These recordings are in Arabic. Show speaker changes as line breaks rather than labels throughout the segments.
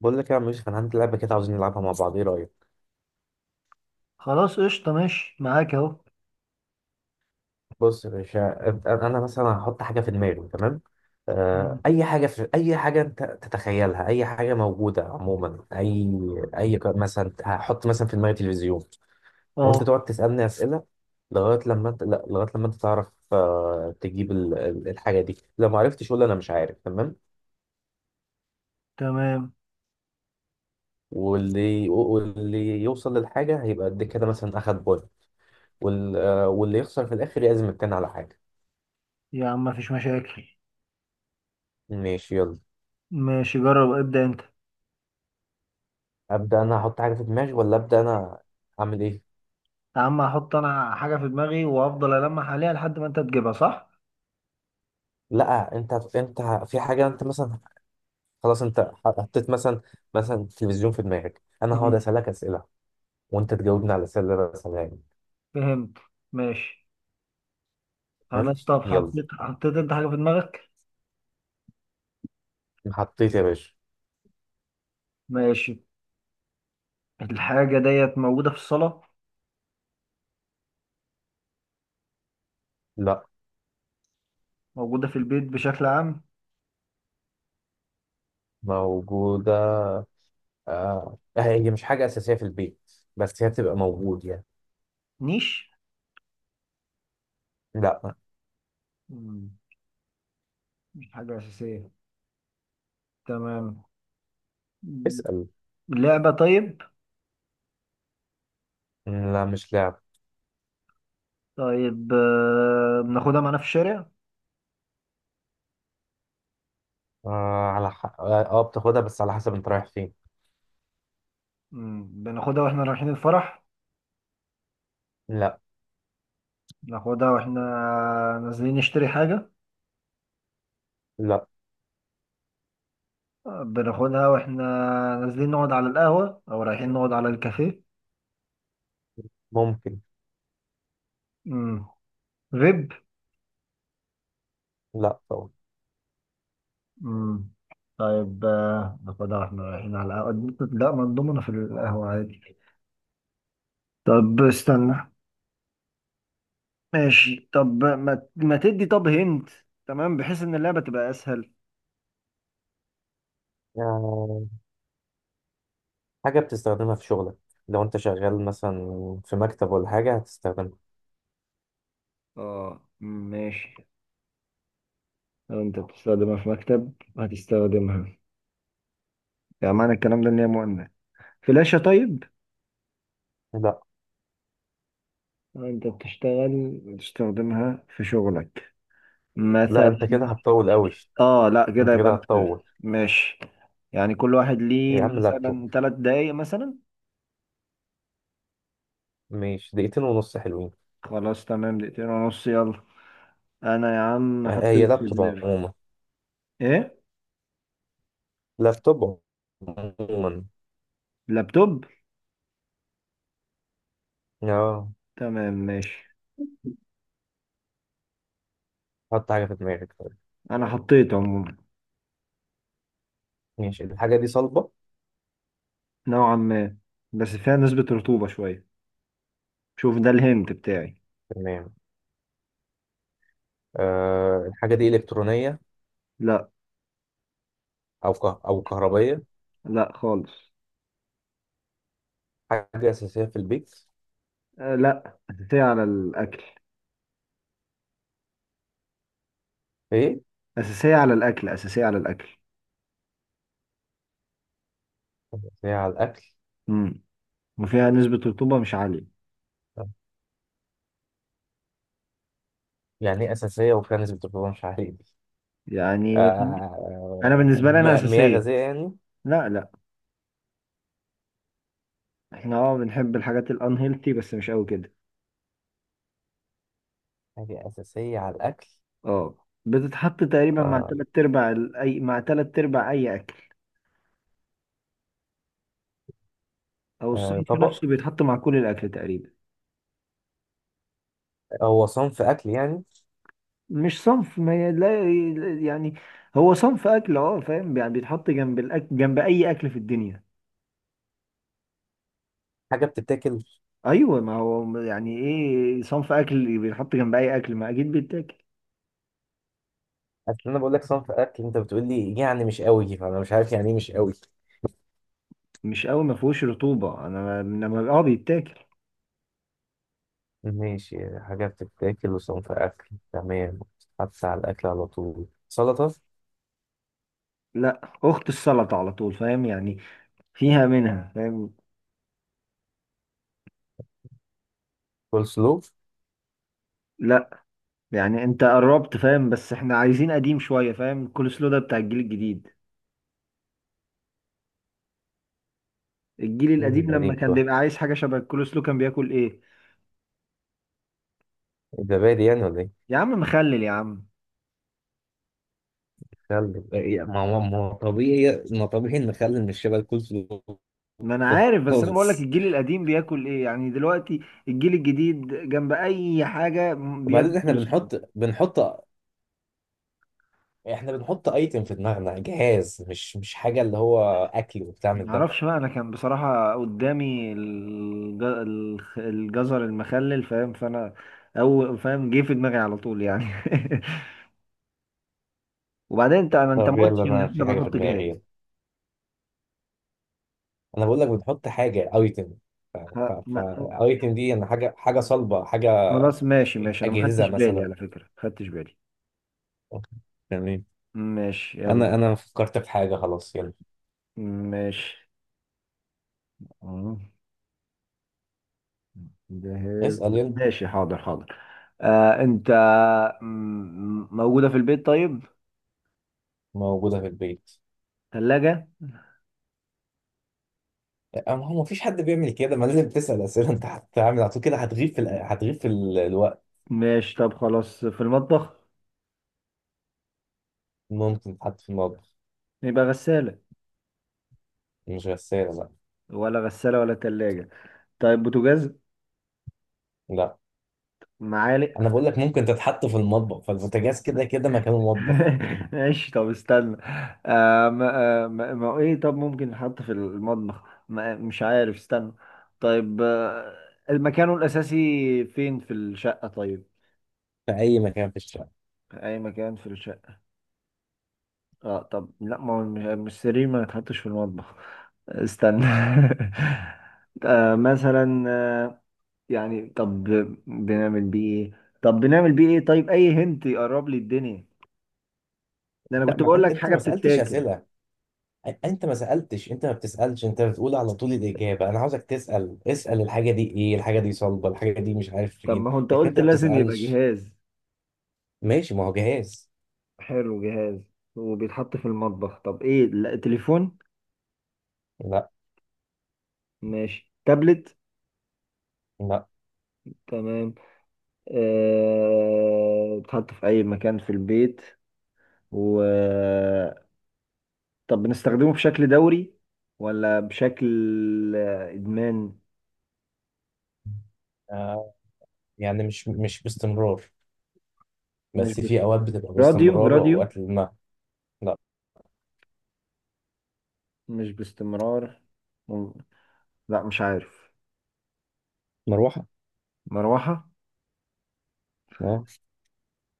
بقول لك يا عم يوسف، انا عندي لعبه كده عاوزين نلعبها مع بعض، ايه رايك؟
خلاص قشطة، ماشي معاك اهو.
بص يا باشا. انا مثلا هحط حاجه في دماغي، تمام؟
مم.
اي حاجه، في اي حاجه انت تتخيلها، اي حاجه موجوده عموما. اي مثلا هحط مثلا في دماغي تلفزيون، وانت
اه.
تقعد تسالني اسئله لغايه لما انت لا لغايه لما انت تعرف، تجيب الحاجه دي. لو ما عرفتش قول انا مش عارف، تمام؟
تمام.
واللي يوصل للحاجه هيبقى قد كده، مثلا اخد بوينت. واللي يخسر في الاخر يعزم التاني على حاجه.
يا عم مفيش مشاكل.
ماشي يلا.
ماشي، جرب ابدأ انت.
ابدا انا احط حاجه في دماغي، ولا ابدا انا اعمل ايه؟
يا عم هحط انا حاجة في دماغي وافضل ألمح عليها لحد ما انت تجيبها، صح؟
لا، انت في حاجه انت مثلا، خلاص انت حطيت مثلا، مثلا تلفزيون في دماغك، انا هقعد
مم.
اسالك اسئله وانت تجاوبني على الاسئله اللي انا بسالها لك.
فهمت. ماشي.
تمام
خلاص، طب
يلا.
حطيت انت حاجة في دماغك؟
حطيت يا باشا.
ماشي. الحاجة ديت موجودة في الصالة؟
لا،
موجودة في البيت بشكل عام؟
موجوده. آه، هي مش حاجه اساسيه في البيت بس هي بتبقى موجود يعني.
نيش.
لا.
مم. مش حاجة أساسية. تمام. مم.
اسال.
لعبة؟ طيب.
لا مش لعب.
طيب، بناخدها معانا في الشارع؟
آه على حق، اه، بتاخدها بس على حسب انت رايح فين.
مم. بناخدها واحنا رايحين الفرح؟
لا.
بناخدها واحنا نازلين نشتري حاجة؟
لا.
بناخدها واحنا نازلين نقعد على القهوة أو رايحين نقعد على الكافيه؟
ممكن.
مم. فيب؟
لا طبعا.
مم. طيب، ناخدها واحنا رايحين على القهوة. لا، ما نضمنا في القهوة عادي. طب استنى. ماشي، طب ما تدي، طب هنت. تمام، بحيث إن اللعبة تبقى أسهل.
آه. حاجة بتستخدمها في شغلك، لو انت شغال مثلا في مكتب ولا حاجة هتستخدمها.
اه، مم، ماشي. لو انت بتستخدمها في مكتب هتستخدمها. يعني معنى الكلام ده ان هي مؤنث. فلاشة؟ طيب.
لا.
انت بتشتغل بتستخدمها في شغلك؟ مم.
لا
مثلا.
انت كده هتطول قوي.
اه، لا، كده
انت
يبقى
كده هتطول.
ماشي. يعني كل واحد ليه
يا عم لابتوب.
مثلا ثلاث دقايق مثلا.
ماشي دقيقتين ونص حلوين.
خلاص، تمام، دقيقتين ونص، يلا. انا يا عم
اه، هي
حطيت في
لابتوب
دماغي.
عموما.
ايه؟
لابتوب عموما.
لابتوب.
اه.
تمام، ماشي.
حط حاجة في دماغك طيب.
انا حطيت عموما.
ماشي، الحاجة دي صلبة؟
نوعا ما. بس فيها نسبة رطوبة شوية. شوف ده الهنت بتاعي.
تمام. آه، الحاجة دي إلكترونية
لا،
أو كهربية؟
لا خالص.
حاجة أساسية في البيت؟
لا، أساسية على الأكل.
إيه؟
أساسية على الأكل. أساسية على الأكل.
أساسية على الأكل؟
مم. وفيها نسبة رطوبة مش عالية.
يعني إيه أساسية وفي ناس بتبقى مش عارف؟
يعني أنا بالنسبة لي أنا
مياه
أساسية.
غازية يعني؟
لا لا. إحنا بنحب الحاجات الأنهيلتي بس مش أوي كده.
حاجة أساسية على الأكل.
بتتحط تقريبا مع
آه،
تلات أرباع أي مع تلات أرباع أي أكل. أو الصيد في
طبق؟
نفسه بيتحط مع كل الأكل تقريبا.
هو صنف أكل يعني؟
مش صنف، ما ي- لا ي- يعني هو صنف أكل، فاهم، يعني بيتحط جنب الأكل، جنب أي أكل في الدنيا.
حاجة بتتاكل؟
أيوه، ما هو يعني إيه صنف أكل بيتحط جنب أي أكل، ما أكيد بيتاكل.
أصل أنا بقول لك صنف أكل أنت بتقول لي يعني مش قوي، فأنا مش عارف يعني إيه مش قوي.
مش قوي، ما فيهوش رطوبة، انا لما بيتاكل.
ماشي، حاجة بتتاكل وصنف أكل، تمام. حتى على الأكل على طول، سلطة؟
لا، اخت السلطه على طول، فاهم يعني؟ فيها منها، فاهم؟
كول سلو؟
لا. يعني انت قربت، فاهم، بس احنا عايزين قديم شويه، فاهم؟ الكول سلو ده بتاع الجيل الجديد. الجيل
إيه
القديم لما
قديم
كان
شوية؟
بيبقى عايز حاجه شبه الكول سلو كان بياكل ايه؟
زبادي يعني ولا إيه؟
يا عم مخلل يا عم.
خل إيه، ما هو طبيعي، ما طبيعي إن خل مش شبه الكول سلو.
ما انا عارف، بس انا بقول لك
خالص.
الجيل القديم بياكل ايه يعني دلوقتي. الجيل الجديد جنب اي حاجه بياكل
وبعدين إحنا
كول سلو.
بنحط، احنا بنحط ايتم في دماغنا جهاز، مش حاجه اللي هو اكل وبتاع من ده.
معرفش بقى، انا كان بصراحة قدامي الجزر المخلل، فاهم؟ فانا، او فاهم، جه في دماغي على طول يعني. وبعدين انت ما
طب يلا
قلتش ان
انا
احنا
في حاجه في
بنحط
دماغي
جهاز.
يلا. انا بقول لك بنحط حاجه ايتم. ف ف
خ-
ف
ما-
ايتم دي انا حاجه، حاجه صلبه، حاجه
خلاص، ماشي ماشي، انا ما
اجهزه
خدتش بالي،
مثلا.
على فكرة ما خدتش بالي.
أوكي. تمام.
ماشي يلا.
انا فكرت في حاجه، خلاص يلا.
ماشي. آه، جهاز.
اسال يلا.
ماشي، حاضر حاضر. انت، موجودة في البيت؟ طيب،
موجوده في البيت.
ثلاجة؟
أما هو مفيش حد بيعمل كده، ما لازم تسال اسئله، انت هتعمل على طول كده هتغيب في هتغيب في الوقت.
ماشي، طب خلاص في المطبخ.
ممكن تحط في المطبخ.
يبقى غسالة؟
مش غساله لا.
ولا غسالة ولا تلاجة. طيب بوتاجاز؟
لا.
معالق؟
انا بقول لك ممكن تتحط في المطبخ، فالبوتاجاز كده كده مكانه مطبخ.
ماشي، طب استنى. ما هو ايه؟ طب ممكن نحط في المطبخ. ما مش عارف، استنى. طيب، مكانه الأساسي فين في الشقة؟ طيب،
في اي مكان في الشارع.
أي مكان في الشقة. اه، طب لا، ما هو مش السرير ما يتحطش في المطبخ. استنى. مثلا، يعني، طب بنعمل بيه ايه؟ طب بنعمل بيه ايه؟ طيب، أي هنت يقرب لي الدنيا. ده انا
لا
كنت
ما
بقول
انت
لك حاجه
ما سالتش
بتتاكل.
اسئله. انت ما سالتش، انت ما بتسالش، انت بتقول على طول الاجابه. انا عاوزك تسال، اسال الحاجه دي ايه، الحاجه دي صلبه، الحاجه دي مش عارف
طب
فين.
ما هو انت
لكن انت
قلت
ما
لازم يبقى
بتسالش.
جهاز.
ماشي، ما هو جهاز.
حلو، جهاز وبيتحط في المطبخ. طب ايه؟ لا، تليفون؟
لا.
ماشي، تابلت؟
لا.
تمام. بيتحط في اي مكان في البيت. و طب بنستخدمه بشكل دوري، ولا بشكل ادمان؟
آه، يعني مش باستمرار،
مش
بس
بس،
في اوقات بتبقى
راديو؟
باستمرار
راديو.
واوقات لا. لا.
مش باستمرار. مم. لا مش عارف.
مروحه.
مروحه؟
اه.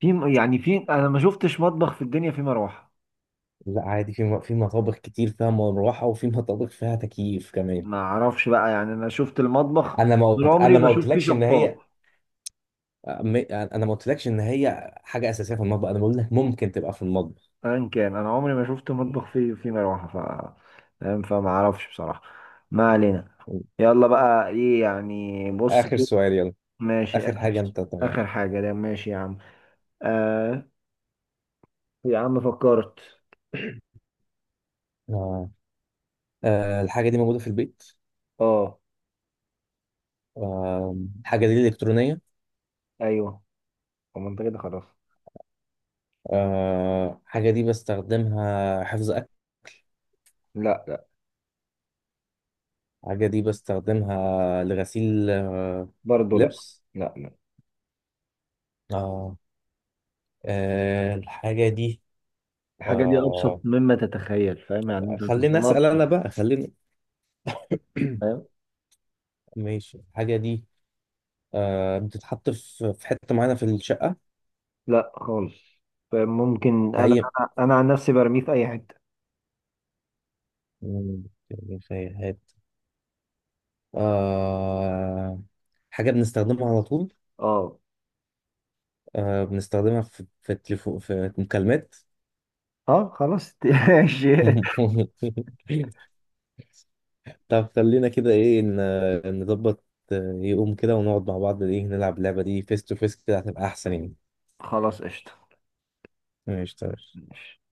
في، يعني في، انا ما شفتش مطبخ في الدنيا فيه مروحه.
لا عادي، في مطابخ كتير فيها مروحه، وفي مطابخ فيها تكييف كمان.
ما اعرفش بقى، يعني انا شفت المطبخ
انا ما
طول
قلت-
عمري
انا ما
بشوف فيه
قلتلكش ان
شفاط.
هي، انا ما قلتلكش ان هي حاجه اساسيه في المطبخ، انا بقول لك ممكن تبقى في المطبخ.
ان كان انا عمري ما شفت مطبخ فيه مروحه، ف فاهم، فما اعرفش بصراحه. ما علينا. يلا بقى ايه يعني؟ بص
اخر
كده.
سؤال يلا.
ماشي،
اخر حاجه
اخر.
انت تعمل.
اخر حاجه، ده ماشي يا عم. آه. يا عم فكرت.
آه. آه، الحاجه دي موجوده في البيت.
اه.
آه، الحاجه دي الكترونيه.
ايوه. طب ما انت كده خلاص.
آه، حاجه دي بستخدمها حفظ اكل؟
لا لا.
حاجه دي بستخدمها لغسيل، آه،
برضه لا.
لبس؟
لا لا.
آه. آه، الحاجه دي.
الحاجه دي ابسط
آه.
مما تتخيل، فاهم؟ يعني انت
خليني
توصلها
اسال انا
بسرعه.
بقى، خليني.
فاهم.
ماشي، الحاجه دي آه بتتحط في حتة معينة في الشقة؟
لا خالص. فممكن
في
انا
أي،
انا أنا عن نفسي برميه في اي حته.
رفايات؟ آه، حاجة بنستخدمها على طول.
اه.
آه، بنستخدمها في التليفون في مكالمات.
اه، خلاص. ماشي.
طب خلينا كده إيه نظبط، يقوم كده ونقعد مع بعض، إيه نلعب اللعبة دي فيس تو فيس، كده هتبقى أحسن يعني.
خلاص قشطه.
ماشي تمام.
ماشي.